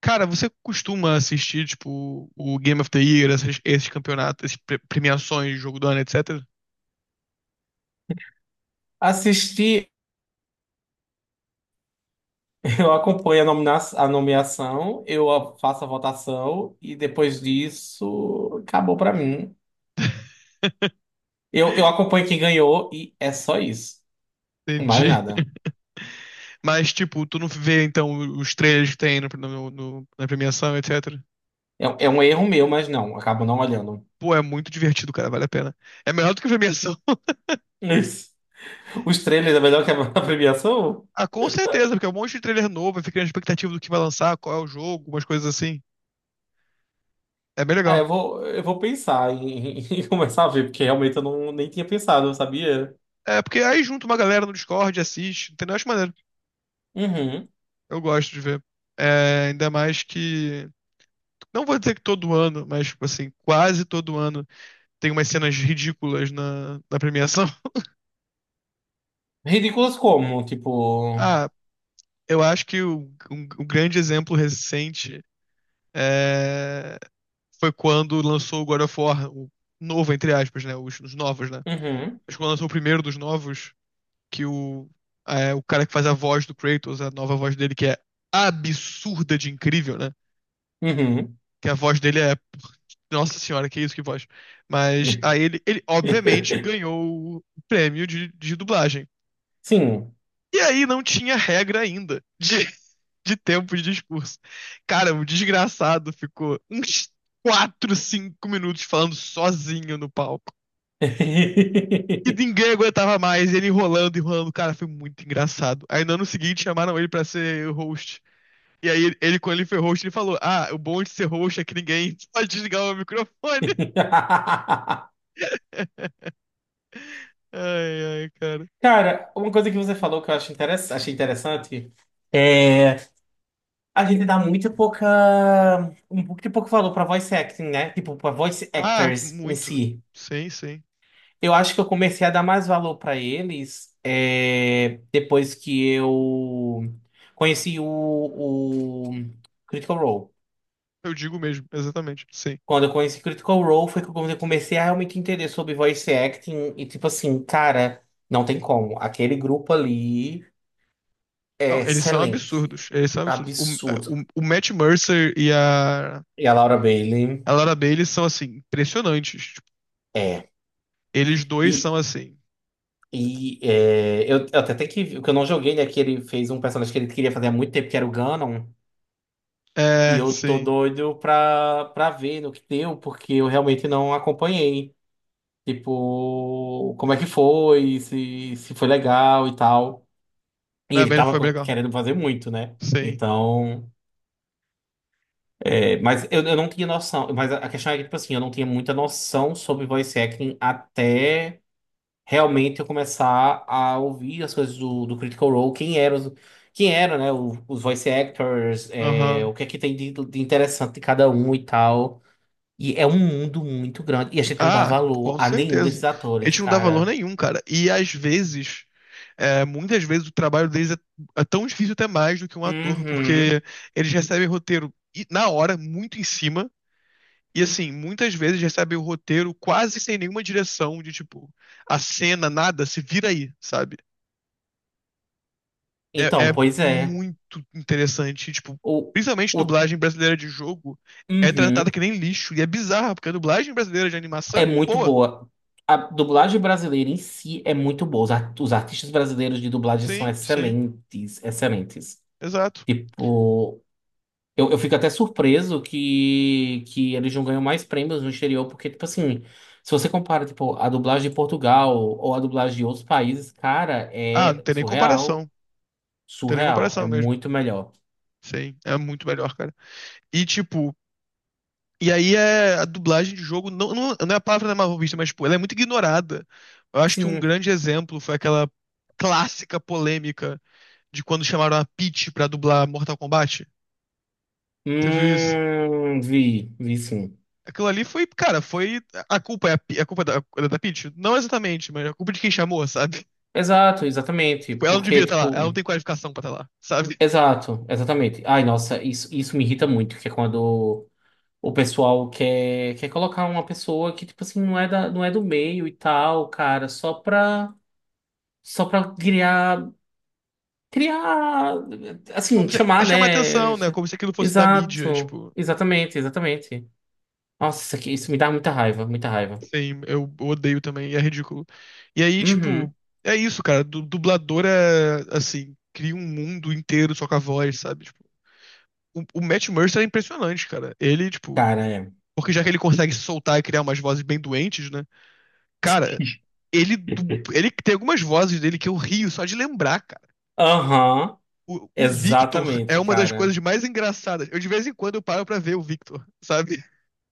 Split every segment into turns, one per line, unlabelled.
Cara, você costuma assistir, tipo, o Game of the Year, esses campeonatos, essas premiações, jogo do ano, etc?
Assisti, eu acompanho a nomeação, faço a votação e depois disso acabou pra mim. Eu acompanho quem ganhou e é só isso. Mais
Entendi.
nada.
Mas, tipo, tu não vê, então, os trailers que tem na premiação, etc?
É um erro meu, mas não, acabo não olhando.
Pô, é muito divertido, cara, vale a pena. É melhor do que a premiação.
Isso. Os trailers é melhor que a, premiação?
Ah, com certeza, porque é um monte de trailer novo, aí fica na expectativa do que vai lançar, qual é o jogo, umas coisas assim. É bem
Ah,
legal.
eu vou pensar em, em começar a ver, porque realmente eu não, nem tinha pensado, sabia?
É, porque aí junta uma galera no Discord, assiste, entendeu? Acho maneiro.
Uhum.
Eu gosto de ver. É, ainda mais que. Não vou dizer que todo ano, mas, tipo assim, quase todo ano tem umas cenas ridículas na premiação.
Ridículas como? Tipo.
Ah, eu acho que o, um grande exemplo recente é, foi quando lançou o God of War, o novo, entre aspas, né? Os novos, né?
Uhum.
Acho que quando lançou o primeiro dos novos. Que o, é, o cara que faz a voz do Kratos, a nova voz dele, que é absurda de incrível, né?
Uhum.
Que a voz dele é. Nossa senhora, que isso, que voz. Mas aí ele obviamente ganhou o prêmio de dublagem.
Sim.
E aí não tinha regra ainda de, de tempo de discurso. Cara, o desgraçado ficou uns 4 5 minutos falando sozinho no palco. E ninguém aguentava mais, ele enrolando, enrolando. Cara, foi muito engraçado. Aí no ano seguinte chamaram ele pra ser o host. E aí, quando ele foi host, ele falou: Ah, o bom de ser host é que ninguém pode desligar o microfone. Ai, ai, cara.
Cara, uma coisa que você falou que eu acho achei interessante é a gente dá muito pouca um pouco de pouco valor pra voice acting, né? Tipo, pra voice
Ah,
actors em
muito.
si.
Sim, sim.
Eu acho que eu comecei a dar mais valor pra eles é, depois que eu conheci o, o Critical Role.
Eu digo mesmo, exatamente. Sim.
Quando eu conheci Critical Role foi que eu comecei a realmente entender sobre voice acting e tipo assim, cara, não tem como. Aquele grupo ali é
Não, eles são
excelente.
absurdos. Eles são absurdos.
Absurdo.
O Matt Mercer e
E a Laura Bailey
a Laura Bailey são, assim, impressionantes. Tipo,
é.
eles dois
E,
são assim.
eu até tenho que. O que eu não joguei, né? Que ele fez um personagem que ele queria fazer há muito tempo, que era o Ganon. E
É,
eu tô
sim.
doido pra ver no que deu, porque eu realmente não acompanhei. Tipo, como é que foi, se foi legal e tal. E
A
ele
Bailey foi bem
tava
legal.
querendo fazer muito, né?
Sim.
Então, é, mas eu não tinha noção. Mas a questão é que, tipo assim, eu não tinha muita noção sobre voice acting até realmente eu começar a ouvir as coisas do Critical Role, quem eram, quem era, né, os voice actors, é,
Aham.
o que é que tem de interessante de cada um e tal. E é um mundo muito grande. E a gente não dá
Ah,
valor
com
a nenhum desses
certeza. A
atores,
gente não dá valor
cara.
nenhum, cara. E às vezes, é, muitas vezes o trabalho deles é, é tão difícil até mais do que um ator,
Uhum.
porque eles recebem roteiro e- na hora, muito em cima. E assim, muitas vezes recebem o roteiro quase sem nenhuma direção de tipo, a cena, nada, se vira aí, sabe? É,
Então,
é
pois é.
muito interessante, tipo,
O,
principalmente
o,
dublagem brasileira de jogo é tratada
uhum.
que nem lixo. E é bizarro, porque a dublagem brasileira de animação é
É
muito
muito
boa.
boa. A dublagem brasileira em si é muito boa. Os artistas brasileiros de dublagem são
Sim, sim.
excelentes, excelentes.
Exato.
Tipo, eu fico até surpreso que eles não ganham mais prêmios no exterior, porque, tipo assim, se você compara, tipo, a dublagem de Portugal ou a dublagem de outros países, cara,
Ah, não
é
tem nem comparação.
surreal,
Não tem nem
surreal. É
comparação mesmo.
muito melhor.
Sim, é muito melhor, cara. E tipo, e aí é a dublagem de jogo não é a palavra da mal vista, mas tipo, ela é muito ignorada. Eu acho que um
Sim.
grande exemplo foi aquela clássica polêmica de quando chamaram a Peach pra dublar Mortal Kombat. Você viu isso?
Vi sim.
Aquilo ali foi, cara, foi a culpa é a, Pe- a culpa é da Peach? Não exatamente, mas é a culpa de quem chamou, sabe?
Exato, exatamente.
Tipo, ela não devia
Porque,
estar
tipo.
lá, ela não tem qualificação pra estar lá, sabe?
Exato, exatamente. Ai, nossa, isso me irrita muito, que é quando o pessoal quer colocar uma pessoa que, tipo assim, não é da, não é do meio e tal, cara, só pra criar, criar, assim,
Como se, é
chamar,
chamar
né?
atenção, né? Como se aquilo fosse da mídia,
Exato,
tipo.
exatamente, exatamente. Nossa, isso me dá muita raiva, muita raiva.
Sim, eu odeio também, e é ridículo. E aí,
Uhum,
tipo, é isso, cara. Du dublador é, assim, cria um mundo inteiro só com a voz, sabe? Tipo, o Matt Mercer é impressionante, cara. Ele, tipo,
cara, é.
porque já que ele consegue se soltar e criar umas vozes bem doentes, né? Cara, ele, du- ele tem algumas vozes dele que eu rio só de lembrar, cara.
Aham,
O Victor é
exatamente,
uma das coisas
cara.
mais engraçadas. Eu, de vez em quando, eu paro pra ver o Victor, sabe?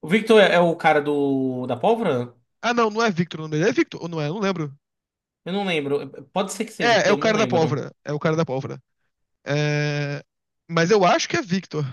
O Victor é, é o cara do, da pólvora?
Ah, não, não é Victor o nome dele. É Victor, ou não é? Eu não lembro.
Eu não lembro. Pode ser que seja,
É,
porque
é o
eu não
cara da
lembro.
pólvora. É o cara da pólvora. É, mas eu acho que é Victor.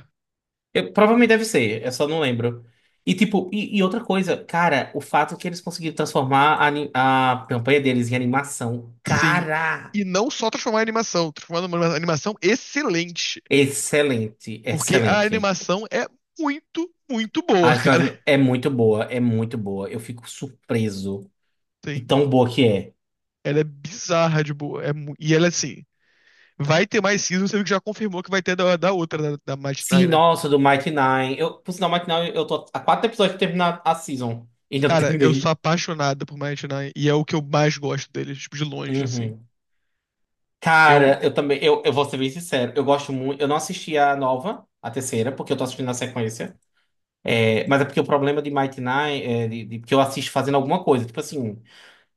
Eu- provavelmente deve ser, eu só não lembro. E tipo, e outra coisa, cara, o fato que eles conseguiram transformar a campanha deles em animação,
Sim.
cara,
E não só transformar em animação, transformar numa animação excelente.
excelente,
Porque a
excelente.
animação é muito, muito boa, cara.
É muito boa, é muito boa. Eu fico surpreso de
Sim.
tão boa que é.
Ela é bizarra de boa. É mu- E ela, assim, vai ter mais season, você viu que já confirmou que vai ter da, da outra, da, da Mighty Nein,
Sim,
né?
nossa, do Mighty Nine. Eu, por sinal, Mighty Nine, eu tô há quatro episódios pra terminar a season. Ainda não
Cara, eu sou
terminei.
apaixonado por Mighty Nein. E é o que eu mais gosto deles, tipo, de longe, assim.
Uhum.
Eu.
Cara, eu também, eu vou ser bem sincero, eu gosto muito, eu não assisti a nova, a terceira, porque eu tô assistindo na sequência, é, mas é porque o problema de Mighty Nine, que eu assisto fazendo alguma coisa, tipo assim,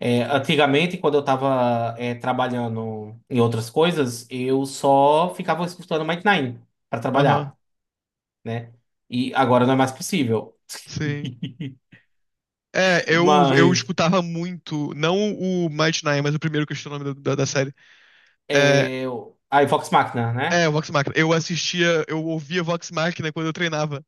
é, antigamente, quando eu tava, é, trabalhando em outras coisas, eu só ficava escutando Mighty Nine pra
Aham.
trabalhar, né, e agora não é mais possível,
Sim. É, eu
mas,
escutava muito, não o Might Nine, mas o primeiro que eu esqueci o nome da, da série. É,
é, aí Vox Machina, né,
é, o Vox Machina. Eu assistia, eu ouvia Vox Machina quando eu treinava.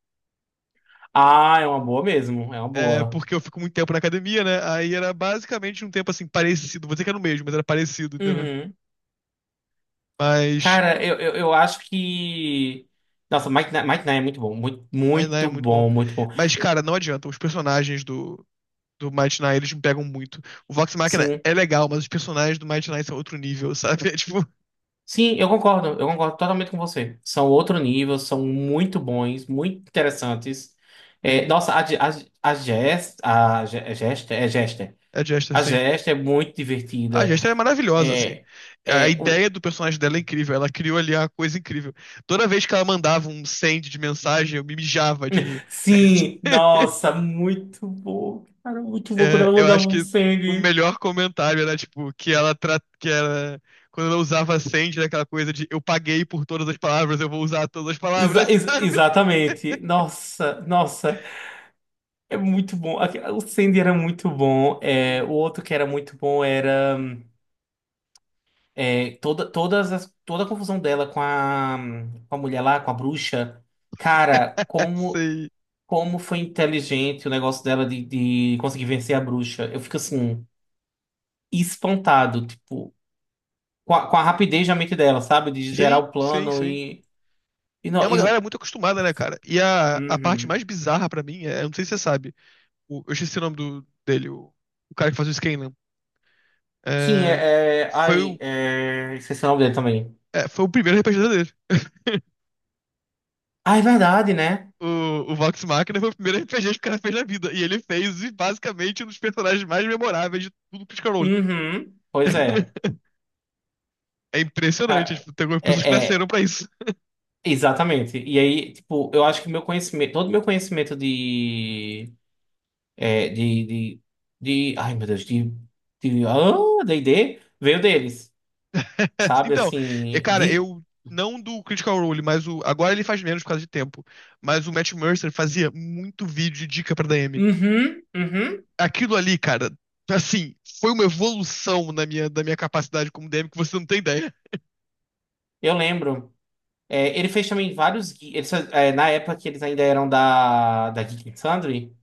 ah, é uma boa mesmo, é uma
É,
boa.
porque eu fico muito tempo na academia, né? Aí era basicamente um tempo assim, parecido. Vou dizer que era o mesmo, mas era parecido, entendeu?
Uhum.
Mas,
Cara, eu acho que. Nossa, Mike Nye é muito bom. Muito,
mas né, é
muito
muito bom.
bom, muito bom.
Mas, cara, não adianta. Os personagens do Might Nine, eles me pegam muito. O Vox Machina
Sim.
é legal, mas os personagens do Might Nine são outro nível, sabe? É tipo,
Sim, eu concordo. Eu concordo totalmente com você. São outro nível, são muito bons, muito interessantes. É,
sim,
nossa, a Jess. É Jester? É Jester.
é Jester,
A
sim.
Jester é muito
A
divertida.
Jester é maravilhosa, assim.
É.
A
É, o-
ideia do personagem dela é incrível. Ela criou ali a coisa incrível. Toda vez que ela mandava um send de mensagem, eu me mijava de rir.
Sim, nossa, muito bom, cara, muito bom quando
É,
ela
eu
mandava
acho
um
que o
sangue.
melhor comentário era, tipo, que ela, tra... que ela... Quando ela usava send, era aquela coisa de eu paguei por todas as palavras, eu vou usar todas as palavras, sabe?
Exatamente. Nossa, nossa. É muito bom. O Sandy era muito bom. É, o outro que era muito bom era é, toda a confusão dela com a mulher lá, com a bruxa. Cara, como,
Sim.
como foi inteligente o negócio dela de conseguir vencer a bruxa. Eu fico assim, espantado, tipo, com a rapidez da mente dela, sabe? De gerar
Sim,
o
sim,
plano
sim.
e. E
É
não,
uma galera
eu.
muito acostumada, né, cara? E a parte
Uhum.
mais bizarra pra mim é, eu não sei se você sabe, o- eu esqueci o nome do, dele, o cara que faz o Scanlan.
Sim,
É,
é, é.
foi
Ai,
o,
é. Esqueci o nome dele também.
é, foi o primeiro RPG dele.
Ah, é verdade, né?
O, o Vox Machina foi o primeiro RPG que o cara fez na vida. E ele fez, e, basicamente, um dos personagens mais memoráveis de tudo Critical Role.
Uhum. Pois é.
É impressionante.
Ca-
Tipo, tem algumas
é,
pessoas que nasceram
é,
pra isso.
exatamente. E aí, tipo, eu acho que meu conhecimento, todo meu conhecimento é, de, de, de ai meu Deus, de, ah, D&D, veio deles, sabe?
Então, é,
Assim,
cara,
de,
eu. Não do Critical Role, mas o. Agora ele faz menos por causa de tempo. Mas o Matt Mercer fazia muito vídeo de dica pra DM.
uhum, uhum,
Aquilo ali, cara, assim, foi uma evolução na minha, da minha capacidade como DM que você não tem ideia.
eu lembro. É, ele fez também vários, é, na época que eles ainda eram da, da Geek and Sundry,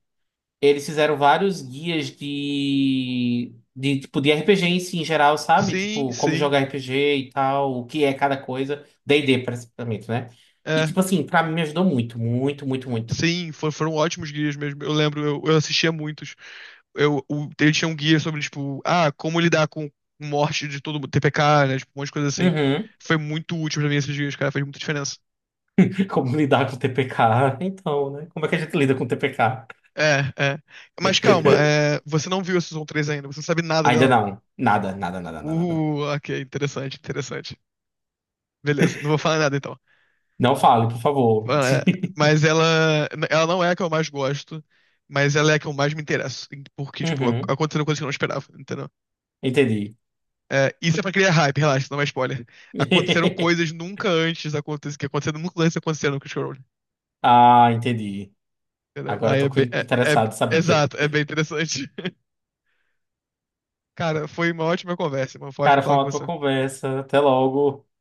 eles fizeram vários guias de tipo de RPG em si, em geral, sabe?
Sim,
Tipo, como
sim,
jogar RPG e tal, o que é cada coisa. D&D, praticamente, né? E,
é.
tipo assim, pra mim me ajudou muito, muito, muito, muito.
Sim, for- foram ótimos guias mesmo. Eu lembro, eu assistia muitos. Eu, o, ele tinha um guia sobre, tipo, ah, como lidar com morte de todo mundo, TPK, né? Tipo, um monte de coisa assim.
Uhum.
Foi muito útil pra mim esses guias, cara, fez muita diferença.
Como lidar com o TPK? Então, né? Como é que a gente lida com o TPK?
É, é. Mas calma, é, você não viu a Season 3 ainda, você não sabe nada
Ainda
dela.
não. Nada, nada, nada, nada, nada.
Ok, interessante, interessante. Beleza, não vou falar nada então.
Não fale, por favor.
Mano, é- Mas ela não é a que eu mais gosto, mas ela é a que eu mais me interesso. Porque, tipo, ac-
Uhum.
aconteceram coisas que eu não esperava, entendeu?
Entendi.
É, isso é pra criar hype, relaxa, não é spoiler. Aconteceram coisas nunca antes acontecidas, que aconteceram nunca antes aconteceram com o Scroll,
Ah, entendi.
entendeu?
Agora eu
Aí é
tô cu-
bem. É, é-
interessado, sabe o quê?
exato, é bem interessante. Cara, foi uma ótima conversa, mano. Foi ótimo
Cara, foi
falar
uma
com
ótima
você.
conversa. Até logo.